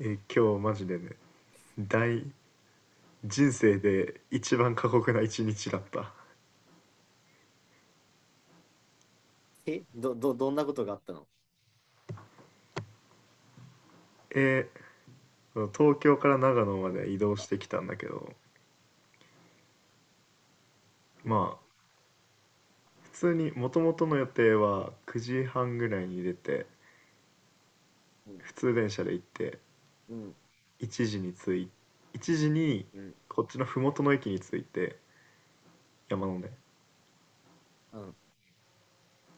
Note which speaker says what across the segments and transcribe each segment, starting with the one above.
Speaker 1: 今日マジでね、大人生で一番過酷な一日だった。
Speaker 2: え、ど、ど、どんなことがあったの？
Speaker 1: え東京から長野まで移動
Speaker 2: あ、
Speaker 1: してきたんだけど、
Speaker 2: うん、
Speaker 1: まあ普通にもともとの予定は9時半ぐらいに出て、
Speaker 2: うん、
Speaker 1: 普通電車で行って、
Speaker 2: うん、
Speaker 1: 1時に着い1時に
Speaker 2: うん、
Speaker 1: こっちの麓の駅に着いて、山のね。
Speaker 2: うん、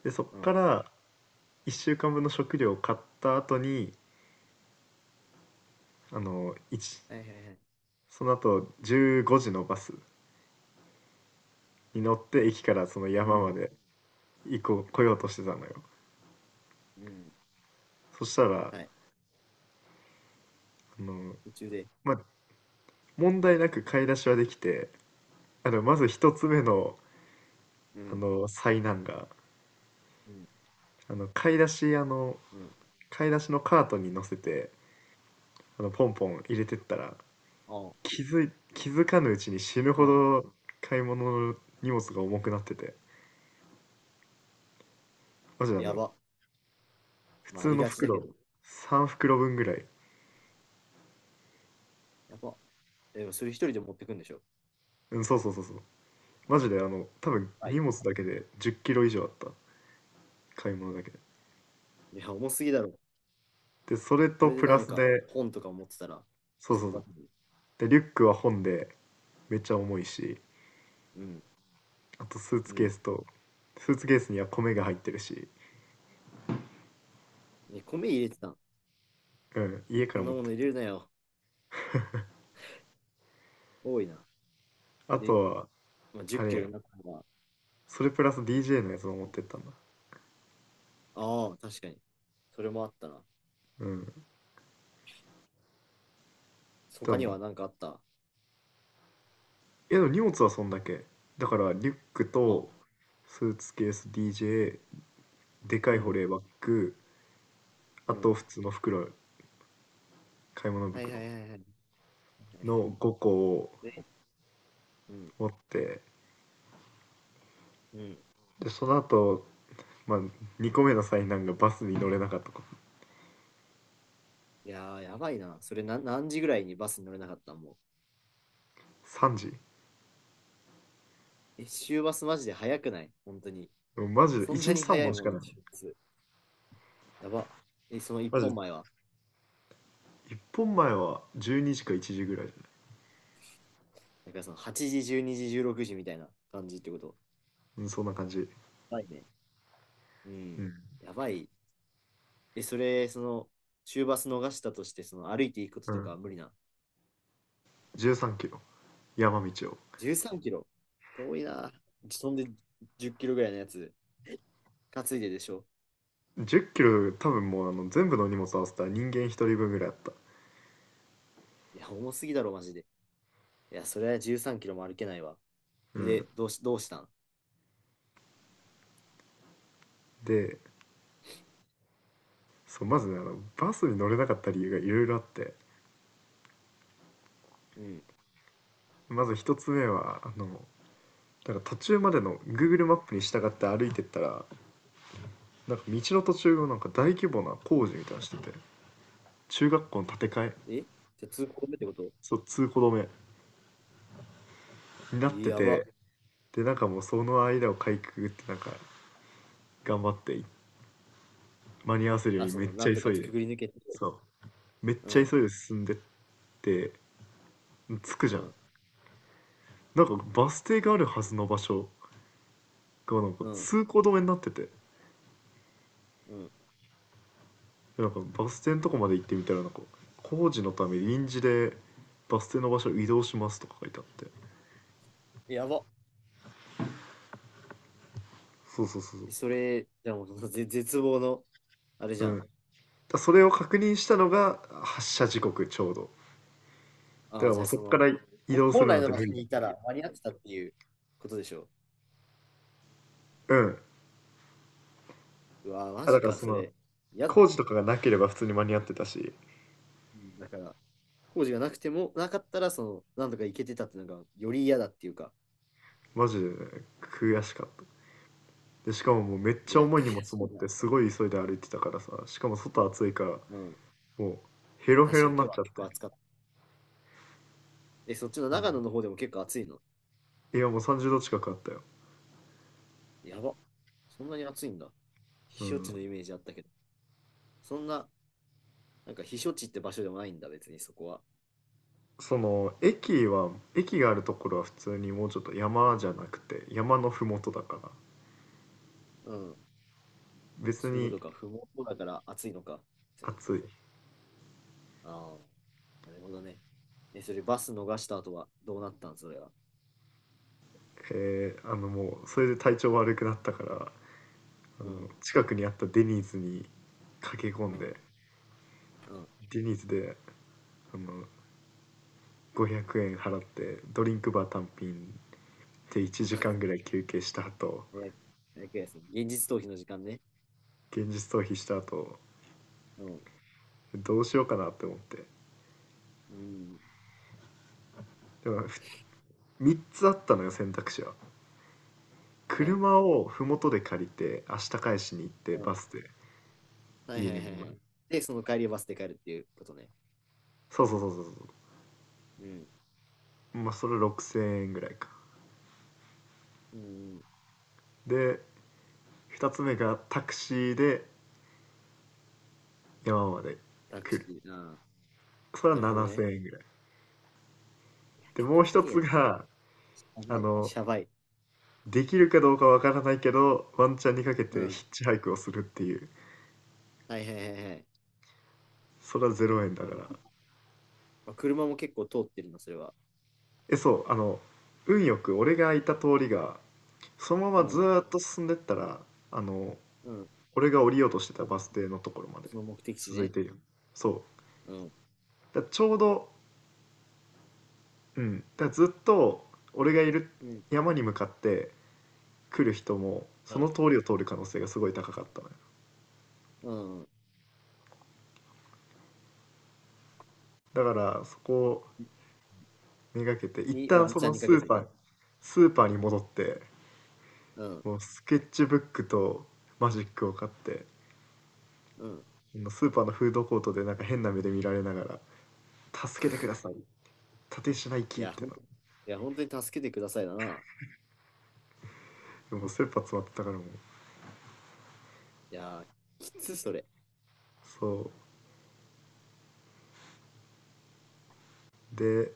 Speaker 1: でそっ
Speaker 2: う
Speaker 1: か
Speaker 2: ん、
Speaker 1: ら1週間分の食料を買った後に、あの1
Speaker 2: はいはいはい、
Speaker 1: その後15時のバスに乗って駅からその
Speaker 2: う
Speaker 1: 山ま
Speaker 2: ん、
Speaker 1: で以降来ようとしてたのよ。
Speaker 2: うん、
Speaker 1: そしたら
Speaker 2: はい、
Speaker 1: の、
Speaker 2: 途中で、
Speaker 1: まあ、問題なく買い出しはできて、まず一つ目の
Speaker 2: うん、
Speaker 1: 災難が、
Speaker 2: うん、
Speaker 1: あの買い出しあの
Speaker 2: うん、
Speaker 1: 買い出しのカートに乗せて、ポンポン入れてったら、
Speaker 2: ああ、
Speaker 1: 気づかぬうちに死ぬ
Speaker 2: う
Speaker 1: ほ
Speaker 2: ん、
Speaker 1: ど買い物の荷物が重くなってて、マジで
Speaker 2: やば。
Speaker 1: 普
Speaker 2: まあ、あ
Speaker 1: 通
Speaker 2: り
Speaker 1: の
Speaker 2: がちだけ
Speaker 1: 袋
Speaker 2: ど、
Speaker 1: 3袋分ぐらい。
Speaker 2: やば。でも、それ一人で持ってくんでしょ？
Speaker 1: うん、そうそうそうそう。マジで多分
Speaker 2: はい
Speaker 1: 荷
Speaker 2: ね。
Speaker 1: 物だけで10キロ以上あった。買い物だけで。
Speaker 2: いや、重すぎだろ。
Speaker 1: でそれ
Speaker 2: そ
Speaker 1: と
Speaker 2: れで
Speaker 1: プ
Speaker 2: な
Speaker 1: ラ
Speaker 2: ん
Speaker 1: ス
Speaker 2: か、
Speaker 1: で、
Speaker 2: 本とか持ってたら、
Speaker 1: そ
Speaker 2: いい
Speaker 1: う
Speaker 2: ね、
Speaker 1: そう
Speaker 2: や
Speaker 1: そ
Speaker 2: ば
Speaker 1: う。
Speaker 2: すぎる。
Speaker 1: で、リュックは本でめっちゃ重いし、あとスー
Speaker 2: う
Speaker 1: ツ
Speaker 2: ん、う
Speaker 1: ケー
Speaker 2: ん。
Speaker 1: スと、スーツケースには米が入ってるし、
Speaker 2: え、米入れてたん？
Speaker 1: うん、家か
Speaker 2: そ
Speaker 1: ら
Speaker 2: ん
Speaker 1: 持
Speaker 2: な
Speaker 1: っ
Speaker 2: も
Speaker 1: て
Speaker 2: の入れ
Speaker 1: っ
Speaker 2: るなよ。多いな。
Speaker 1: た。あと
Speaker 2: で、
Speaker 1: は、
Speaker 2: まあ、10
Speaker 1: あれ
Speaker 2: キロ
Speaker 1: や、
Speaker 2: になったのが、
Speaker 1: それプラス DJ のやつも持ってったんだ。
Speaker 2: ああ、確かに。それもあったな。
Speaker 1: うん。で
Speaker 2: 他に
Speaker 1: も、
Speaker 2: は何かあった？
Speaker 1: でも荷物はそんだけ。だから、リュックと、
Speaker 2: あ、
Speaker 1: スーツケース、DJ、で
Speaker 2: う
Speaker 1: かい保
Speaker 2: ん、
Speaker 1: 冷バッグ、あ
Speaker 2: うん。
Speaker 1: と普通の袋、買い物
Speaker 2: はいはい
Speaker 1: 袋
Speaker 2: はいはいはいはい。
Speaker 1: の5個を
Speaker 2: で、うん、
Speaker 1: 持って、
Speaker 2: うん。
Speaker 1: で、その後、まあ、2個目の災難がバスに乗れなかったこと。
Speaker 2: いやー、やばいな。それな、何時ぐらいにバスに乗れなかった、もう？
Speaker 1: 3時。
Speaker 2: え、終バスマジで早くない？本当に。
Speaker 1: でもマジで
Speaker 2: そん
Speaker 1: 1
Speaker 2: な
Speaker 1: 日
Speaker 2: に
Speaker 1: 3
Speaker 2: 早い
Speaker 1: 本し
Speaker 2: も
Speaker 1: か
Speaker 2: んな、
Speaker 1: ない。
Speaker 2: 終日。やば。え、その一
Speaker 1: マジ
Speaker 2: 本
Speaker 1: で
Speaker 2: 前は？
Speaker 1: 1本前は12時か1時ぐらいじゃない？
Speaker 2: だからその8時、12時、16時みたいな感じってこと？
Speaker 1: うん、そんな感じ。
Speaker 2: やばいね。う
Speaker 1: う
Speaker 2: ん。
Speaker 1: ん。
Speaker 2: やばい。え、それ、その、終バス逃したとして、その歩いていくこ
Speaker 1: う
Speaker 2: ととか
Speaker 1: ん。
Speaker 2: は無理な？
Speaker 1: 13キロ。山道を。
Speaker 2: 13キロ。遠いな。そんで10キロぐらいのやつ。担いででしょ？
Speaker 1: 10キロ、多分もう全部の荷物合わせたら人間1人分ぐらいあった。
Speaker 2: いや、重すぎだろ、マジで。いや、それは13キロも歩けないわ。
Speaker 1: うん。
Speaker 2: で、どうしたん？
Speaker 1: で、そう、まずね、バスに乗れなかった理由がいろいろあって。
Speaker 2: うん。
Speaker 1: まず1つ目は、なんか途中までの
Speaker 2: うん。
Speaker 1: Google マップに従って歩いてったら、なんか道の途中をなんか大規模な
Speaker 2: う
Speaker 1: 工事
Speaker 2: ん。
Speaker 1: みたいなのしてて、中学校の建て替え、
Speaker 2: えじゃあ通行止めってこと？
Speaker 1: そう、通行止めになって
Speaker 2: やば。
Speaker 1: て、でなんかもうその間をかいくぐってなんか頑張って間に合わせるよう
Speaker 2: あ、
Speaker 1: に
Speaker 2: そ
Speaker 1: めっ
Speaker 2: の、
Speaker 1: ち
Speaker 2: な
Speaker 1: ゃ
Speaker 2: んと
Speaker 1: 急
Speaker 2: か
Speaker 1: い
Speaker 2: く
Speaker 1: で、
Speaker 2: ぐり抜けて。
Speaker 1: そう、めっ
Speaker 2: う
Speaker 1: ちゃ
Speaker 2: ん。
Speaker 1: 急いで進んでって着く
Speaker 2: う
Speaker 1: じゃん。
Speaker 2: ん。
Speaker 1: なんかバス停があるはずの場所がなんか
Speaker 2: うん。
Speaker 1: 通行止めになってて、
Speaker 2: うん。
Speaker 1: なんかバス停のとこまで行ってみたらなんか工事のため臨時でバス停の場所を移動しますとか書いてあって、
Speaker 2: やば。
Speaker 1: そうそうそうそう。
Speaker 2: それ、じゃあもうその絶望の、あれ
Speaker 1: う
Speaker 2: じゃ
Speaker 1: ん。
Speaker 2: ん。
Speaker 1: だそれを確認したのが発車時刻ちょうど。だか
Speaker 2: ああ、
Speaker 1: らも
Speaker 2: じ
Speaker 1: う
Speaker 2: ゃあ
Speaker 1: そ
Speaker 2: そ
Speaker 1: こか
Speaker 2: の、
Speaker 1: ら移動す
Speaker 2: 本
Speaker 1: るな
Speaker 2: 来
Speaker 1: ん
Speaker 2: の
Speaker 1: て
Speaker 2: 場
Speaker 1: 無
Speaker 2: 所
Speaker 1: 理
Speaker 2: に
Speaker 1: だ
Speaker 2: いた
Speaker 1: か
Speaker 2: ら間に合ってたっていうことでしょ
Speaker 1: ら。うん。
Speaker 2: う。うわー、マ
Speaker 1: だ
Speaker 2: ジ
Speaker 1: から
Speaker 2: か、
Speaker 1: そ
Speaker 2: そ
Speaker 1: の
Speaker 2: れ。やだ。
Speaker 1: 工事とかがなければ普通に間に合ってたし、
Speaker 2: うん、だから、工事がなくても、なかったら、その、なんとか行けてたってのが、より嫌だっていうか。
Speaker 1: マジでね、悔しかった。で、しかももうめっ
Speaker 2: い
Speaker 1: ちゃ
Speaker 2: や、
Speaker 1: 重い
Speaker 2: 悔
Speaker 1: 荷物
Speaker 2: し
Speaker 1: 持っ
Speaker 2: いな。
Speaker 1: てすごい急いで歩いてたからさ、しかも外暑いから、
Speaker 2: うん。
Speaker 1: もうヘロヘ
Speaker 2: 確か
Speaker 1: ロ
Speaker 2: に
Speaker 1: にな
Speaker 2: 今
Speaker 1: っ
Speaker 2: 日
Speaker 1: ち
Speaker 2: は
Speaker 1: ゃっ
Speaker 2: 結構暑
Speaker 1: て。
Speaker 2: かった。え、そっちの長野
Speaker 1: う
Speaker 2: の方でも結構暑いの？
Speaker 1: いや、もう30度近くあったよ。
Speaker 2: やば。そんなに暑いんだ。
Speaker 1: う
Speaker 2: 避暑
Speaker 1: ん。
Speaker 2: 地のイメージあったけど。そんな、なんか避暑地って場所でもないんだ、別にそこは。
Speaker 1: その駅は、駅があるところは普通にもうちょっと山じゃなくて山のふもとだから、
Speaker 2: うん。
Speaker 1: 別
Speaker 2: そういうこ
Speaker 1: に
Speaker 2: とか。不毛だから暑いのか。別に。
Speaker 1: 暑い。
Speaker 2: ああ。なるほどね。え、それバス逃した後はどうなったん？それは。
Speaker 1: もうそれで体調悪くなったから、
Speaker 2: うん。
Speaker 1: 近くにあったデニーズに駆け込
Speaker 2: う
Speaker 1: ん
Speaker 2: ん。
Speaker 1: で、
Speaker 2: うん。
Speaker 1: デニーズであの500円払ってドリンクバー単品で1時間ぐらい休憩した後、
Speaker 2: え、その現実逃避の時間ね。
Speaker 1: 現実逃避した後
Speaker 2: うん。
Speaker 1: どうしようかなって思って、
Speaker 2: うん。
Speaker 1: でも3つあったのよ、選択肢は。
Speaker 2: うん。
Speaker 1: 車を麓で借りて明日返しに行って
Speaker 2: う
Speaker 1: バ
Speaker 2: ん。
Speaker 1: スで
Speaker 2: はい
Speaker 1: 家
Speaker 2: はい
Speaker 1: に
Speaker 2: はい
Speaker 1: 戻
Speaker 2: はい。
Speaker 1: る、
Speaker 2: で、その帰りバスで帰るっていうことね。
Speaker 1: そうそうそうそうそ
Speaker 2: うん。
Speaker 1: う、まあそれ6,000円ぐらいか。
Speaker 2: うん。
Speaker 1: で2つ目がタクシーで山まで
Speaker 2: タク
Speaker 1: 来る、
Speaker 2: シー。うん。
Speaker 1: それは
Speaker 2: なるほど
Speaker 1: 7,000
Speaker 2: ね。
Speaker 1: 円ぐらい。
Speaker 2: いや、
Speaker 1: で
Speaker 2: 結構
Speaker 1: もう
Speaker 2: 高
Speaker 1: 一
Speaker 2: え
Speaker 1: つ
Speaker 2: な。
Speaker 1: が、
Speaker 2: や
Speaker 1: あ
Speaker 2: ばい。
Speaker 1: の
Speaker 2: シャバい。
Speaker 1: できるかどうかわからないけど、ワンチャンにかけ
Speaker 2: う
Speaker 1: て
Speaker 2: ん。
Speaker 1: ヒッチハイクをするっていう。
Speaker 2: はいはいはいはい。
Speaker 1: それは0円だ
Speaker 2: う
Speaker 1: か
Speaker 2: ん、
Speaker 1: ら。
Speaker 2: まあ、車も結構通ってるの？それは。
Speaker 1: そう、運よく俺がいた通りが、そのま
Speaker 2: う
Speaker 1: まず
Speaker 2: ん。
Speaker 1: ーっと進んでったら、あの、
Speaker 2: うん。
Speaker 1: 俺が降りようとしてた
Speaker 2: も
Speaker 1: バス
Speaker 2: う
Speaker 1: 停のところまで
Speaker 2: その目的地
Speaker 1: 続い
Speaker 2: ね。
Speaker 1: てるよ。そう。
Speaker 2: うん。
Speaker 1: だからちょうど、うん。だからずっと俺がいる
Speaker 2: うん。
Speaker 1: 山に向かって来る人も、そ
Speaker 2: う
Speaker 1: の通りを通る可能性がすごい高かったのよ。
Speaker 2: ん。うん。
Speaker 1: だからそこをめがけて、一
Speaker 2: に、
Speaker 1: 旦
Speaker 2: ワン
Speaker 1: そ
Speaker 2: チャ
Speaker 1: の
Speaker 2: ンに
Speaker 1: ス
Speaker 2: かけ
Speaker 1: ー
Speaker 2: て
Speaker 1: パー、
Speaker 2: ね。
Speaker 1: スーパーに戻って、
Speaker 2: うん。
Speaker 1: もうスケッチブックとマジックを買って、
Speaker 2: うん。
Speaker 1: スーパーのフードコートでなんか変な目で見られながら「助けてください、立石マイ
Speaker 2: い
Speaker 1: キー」っ
Speaker 2: や、ほ
Speaker 1: て
Speaker 2: ん
Speaker 1: の
Speaker 2: と、いや、本当に助けてくださいだな。
Speaker 1: でもう切羽詰まってたから、もう、
Speaker 2: いや、きつ、それ。
Speaker 1: そうで、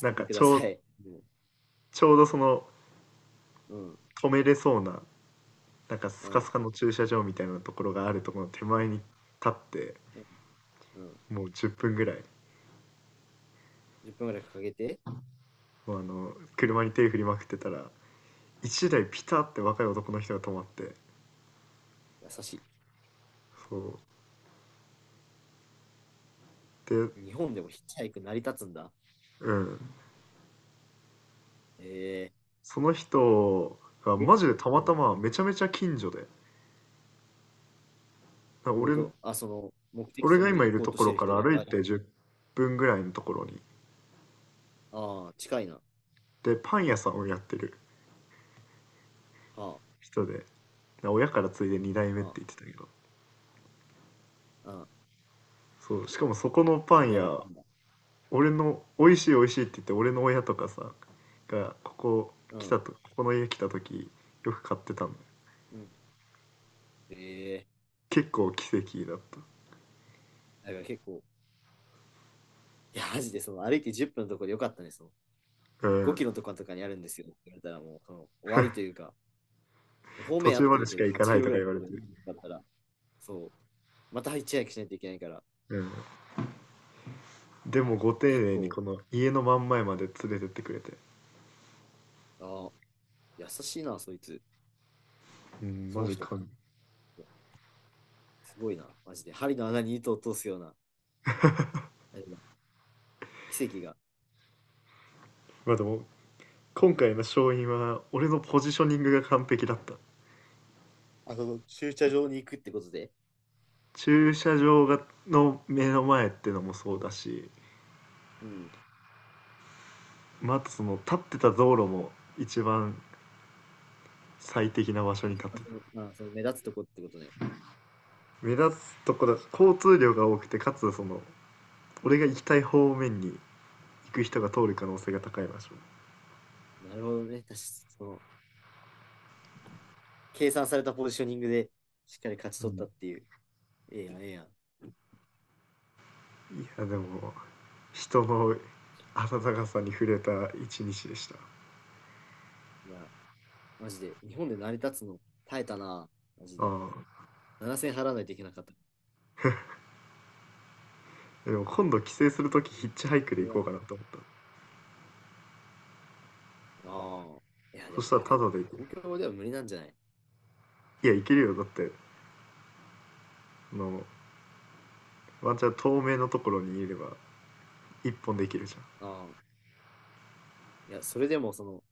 Speaker 1: なん
Speaker 2: けて
Speaker 1: か
Speaker 2: ください。うん。
Speaker 1: ちょうどその
Speaker 2: うん。
Speaker 1: 止めれそうななんか
Speaker 2: う
Speaker 1: スカス
Speaker 2: ん。
Speaker 1: カの駐車場みたいなところがあるところの手
Speaker 2: う
Speaker 1: 前に立って、
Speaker 2: ん。うん。
Speaker 1: もう10分ぐらい、
Speaker 2: 10分ぐらいかけて、
Speaker 1: もう車に手振りまくってたら1台ピタって若い男の人が止まって、
Speaker 2: 優し
Speaker 1: そうで、
Speaker 2: い。日本でもヒッチハイク成り立つんだ。
Speaker 1: うん、
Speaker 2: ええ
Speaker 1: その人が
Speaker 2: え、
Speaker 1: マジでた
Speaker 2: う
Speaker 1: また
Speaker 2: ん。ど
Speaker 1: まめちゃめちゃ近所で、
Speaker 2: ういうこ
Speaker 1: 俺、
Speaker 2: と？あ、その、目的
Speaker 1: 俺
Speaker 2: 地
Speaker 1: が
Speaker 2: に
Speaker 1: 今い
Speaker 2: 行
Speaker 1: る
Speaker 2: こう
Speaker 1: と
Speaker 2: と
Speaker 1: こ
Speaker 2: して
Speaker 1: ろ
Speaker 2: る
Speaker 1: か
Speaker 2: 人
Speaker 1: ら
Speaker 2: が、
Speaker 1: 歩い
Speaker 2: あ、
Speaker 1: て10分ぐらいのところに、
Speaker 2: あー、近いな。は
Speaker 1: で、パン屋さんをやってる
Speaker 2: あ、
Speaker 1: 人で、親から継いで2代目って言っ
Speaker 2: あ
Speaker 1: てたけど、
Speaker 2: あ、ああ、
Speaker 1: そう、しかもそこのパ
Speaker 2: 二
Speaker 1: ン
Speaker 2: 代目
Speaker 1: 屋、
Speaker 2: パンダ。
Speaker 1: 美味しい美味しいって言って、俺の親とかさ、が、
Speaker 2: うん、
Speaker 1: ここの家来た時、よく買ってたの。
Speaker 2: うん。ええ、
Speaker 1: 結構奇跡だっ
Speaker 2: だから結構、いや、マジで、その、歩いて10分のところでよかったね、その、
Speaker 1: た。う
Speaker 2: 5
Speaker 1: ん。
Speaker 2: キロとかとかにあるんですよって言われたら、もう、その、終わりというか、方
Speaker 1: 途
Speaker 2: 面合
Speaker 1: 中
Speaker 2: っ
Speaker 1: ま
Speaker 2: て
Speaker 1: で
Speaker 2: る
Speaker 1: し
Speaker 2: け
Speaker 1: か
Speaker 2: ど、
Speaker 1: 行か
Speaker 2: 8
Speaker 1: な
Speaker 2: キ
Speaker 1: い
Speaker 2: ロ
Speaker 1: と
Speaker 2: ぐ
Speaker 1: か
Speaker 2: らい
Speaker 1: 言
Speaker 2: の
Speaker 1: わ
Speaker 2: と
Speaker 1: れ
Speaker 2: こ
Speaker 1: て。
Speaker 2: ろで見るなかったら、そう、また一夜しないといけないから、
Speaker 1: うん。で
Speaker 2: い
Speaker 1: も
Speaker 2: や
Speaker 1: ご丁
Speaker 2: 結
Speaker 1: 寧に
Speaker 2: 構、
Speaker 1: この家の真ん前まで連れてってくれて。
Speaker 2: ああ、優しいな、そいつ、
Speaker 1: うん、
Speaker 2: そ
Speaker 1: マ
Speaker 2: の
Speaker 1: ジ
Speaker 2: 人
Speaker 1: か。
Speaker 2: か。すごいな、マジで。針の穴に糸を通すような、あれだ。奇跡が。
Speaker 1: まあでも、今回の勝因は、俺のポジショニングが完璧だった。
Speaker 2: あ、そうそう、駐車場に行くってことで。
Speaker 1: 駐車場の目の前ってのもそうだし、
Speaker 2: うん。
Speaker 1: またその立ってた道路も一番最適な場所に
Speaker 2: 行き
Speaker 1: 立って
Speaker 2: まし
Speaker 1: た。
Speaker 2: ょう。まあ、その目立つとこってことね。
Speaker 1: 目立つとこだし、交通量が多くて、かつその、俺が行きたい方面に行く人が通る可能性が高い場所。
Speaker 2: なるほどね。確かにその計算されたポジショニングでしっかり勝ち
Speaker 1: う
Speaker 2: 取っ
Speaker 1: ん、
Speaker 2: たっていう。ええやん、ええやん。
Speaker 1: いや、でも、人の温かさに触れた一日でした。あ
Speaker 2: いや、マジで。日本で成り立つの？耐えたな。マジで。
Speaker 1: あ、
Speaker 2: 7000払わないといけなかった。
Speaker 1: でも今度帰省する時ヒッチハイク
Speaker 2: そ
Speaker 1: で
Speaker 2: れ
Speaker 1: 行
Speaker 2: は。
Speaker 1: こうかなと思った。
Speaker 2: ああ。いや、で
Speaker 1: そし
Speaker 2: も、
Speaker 1: たら
Speaker 2: は
Speaker 1: タ
Speaker 2: い。
Speaker 1: ダでいける。
Speaker 2: 東京では無理なんじゃない？
Speaker 1: いや、いけるよ、だってあのワンチャン透明のところにいれば一本できるじ
Speaker 2: ああ。いや、それでも、その、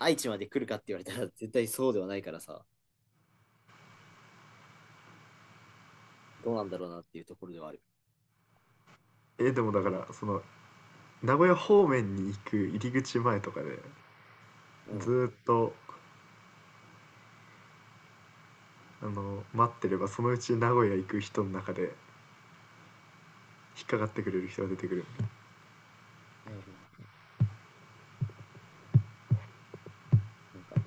Speaker 2: 愛知まで来るかって言われたら、絶対そうではないからさ、どうなんだろうなっていうところではある。
Speaker 1: ゃん。でもだからその名古屋方面に行く入り口前とかで、
Speaker 2: う
Speaker 1: ず
Speaker 2: ん。
Speaker 1: ーっと待ってれば、そのうち名古屋行く人の中で引っかかってくれる人が出てくる
Speaker 2: ええ、なんか、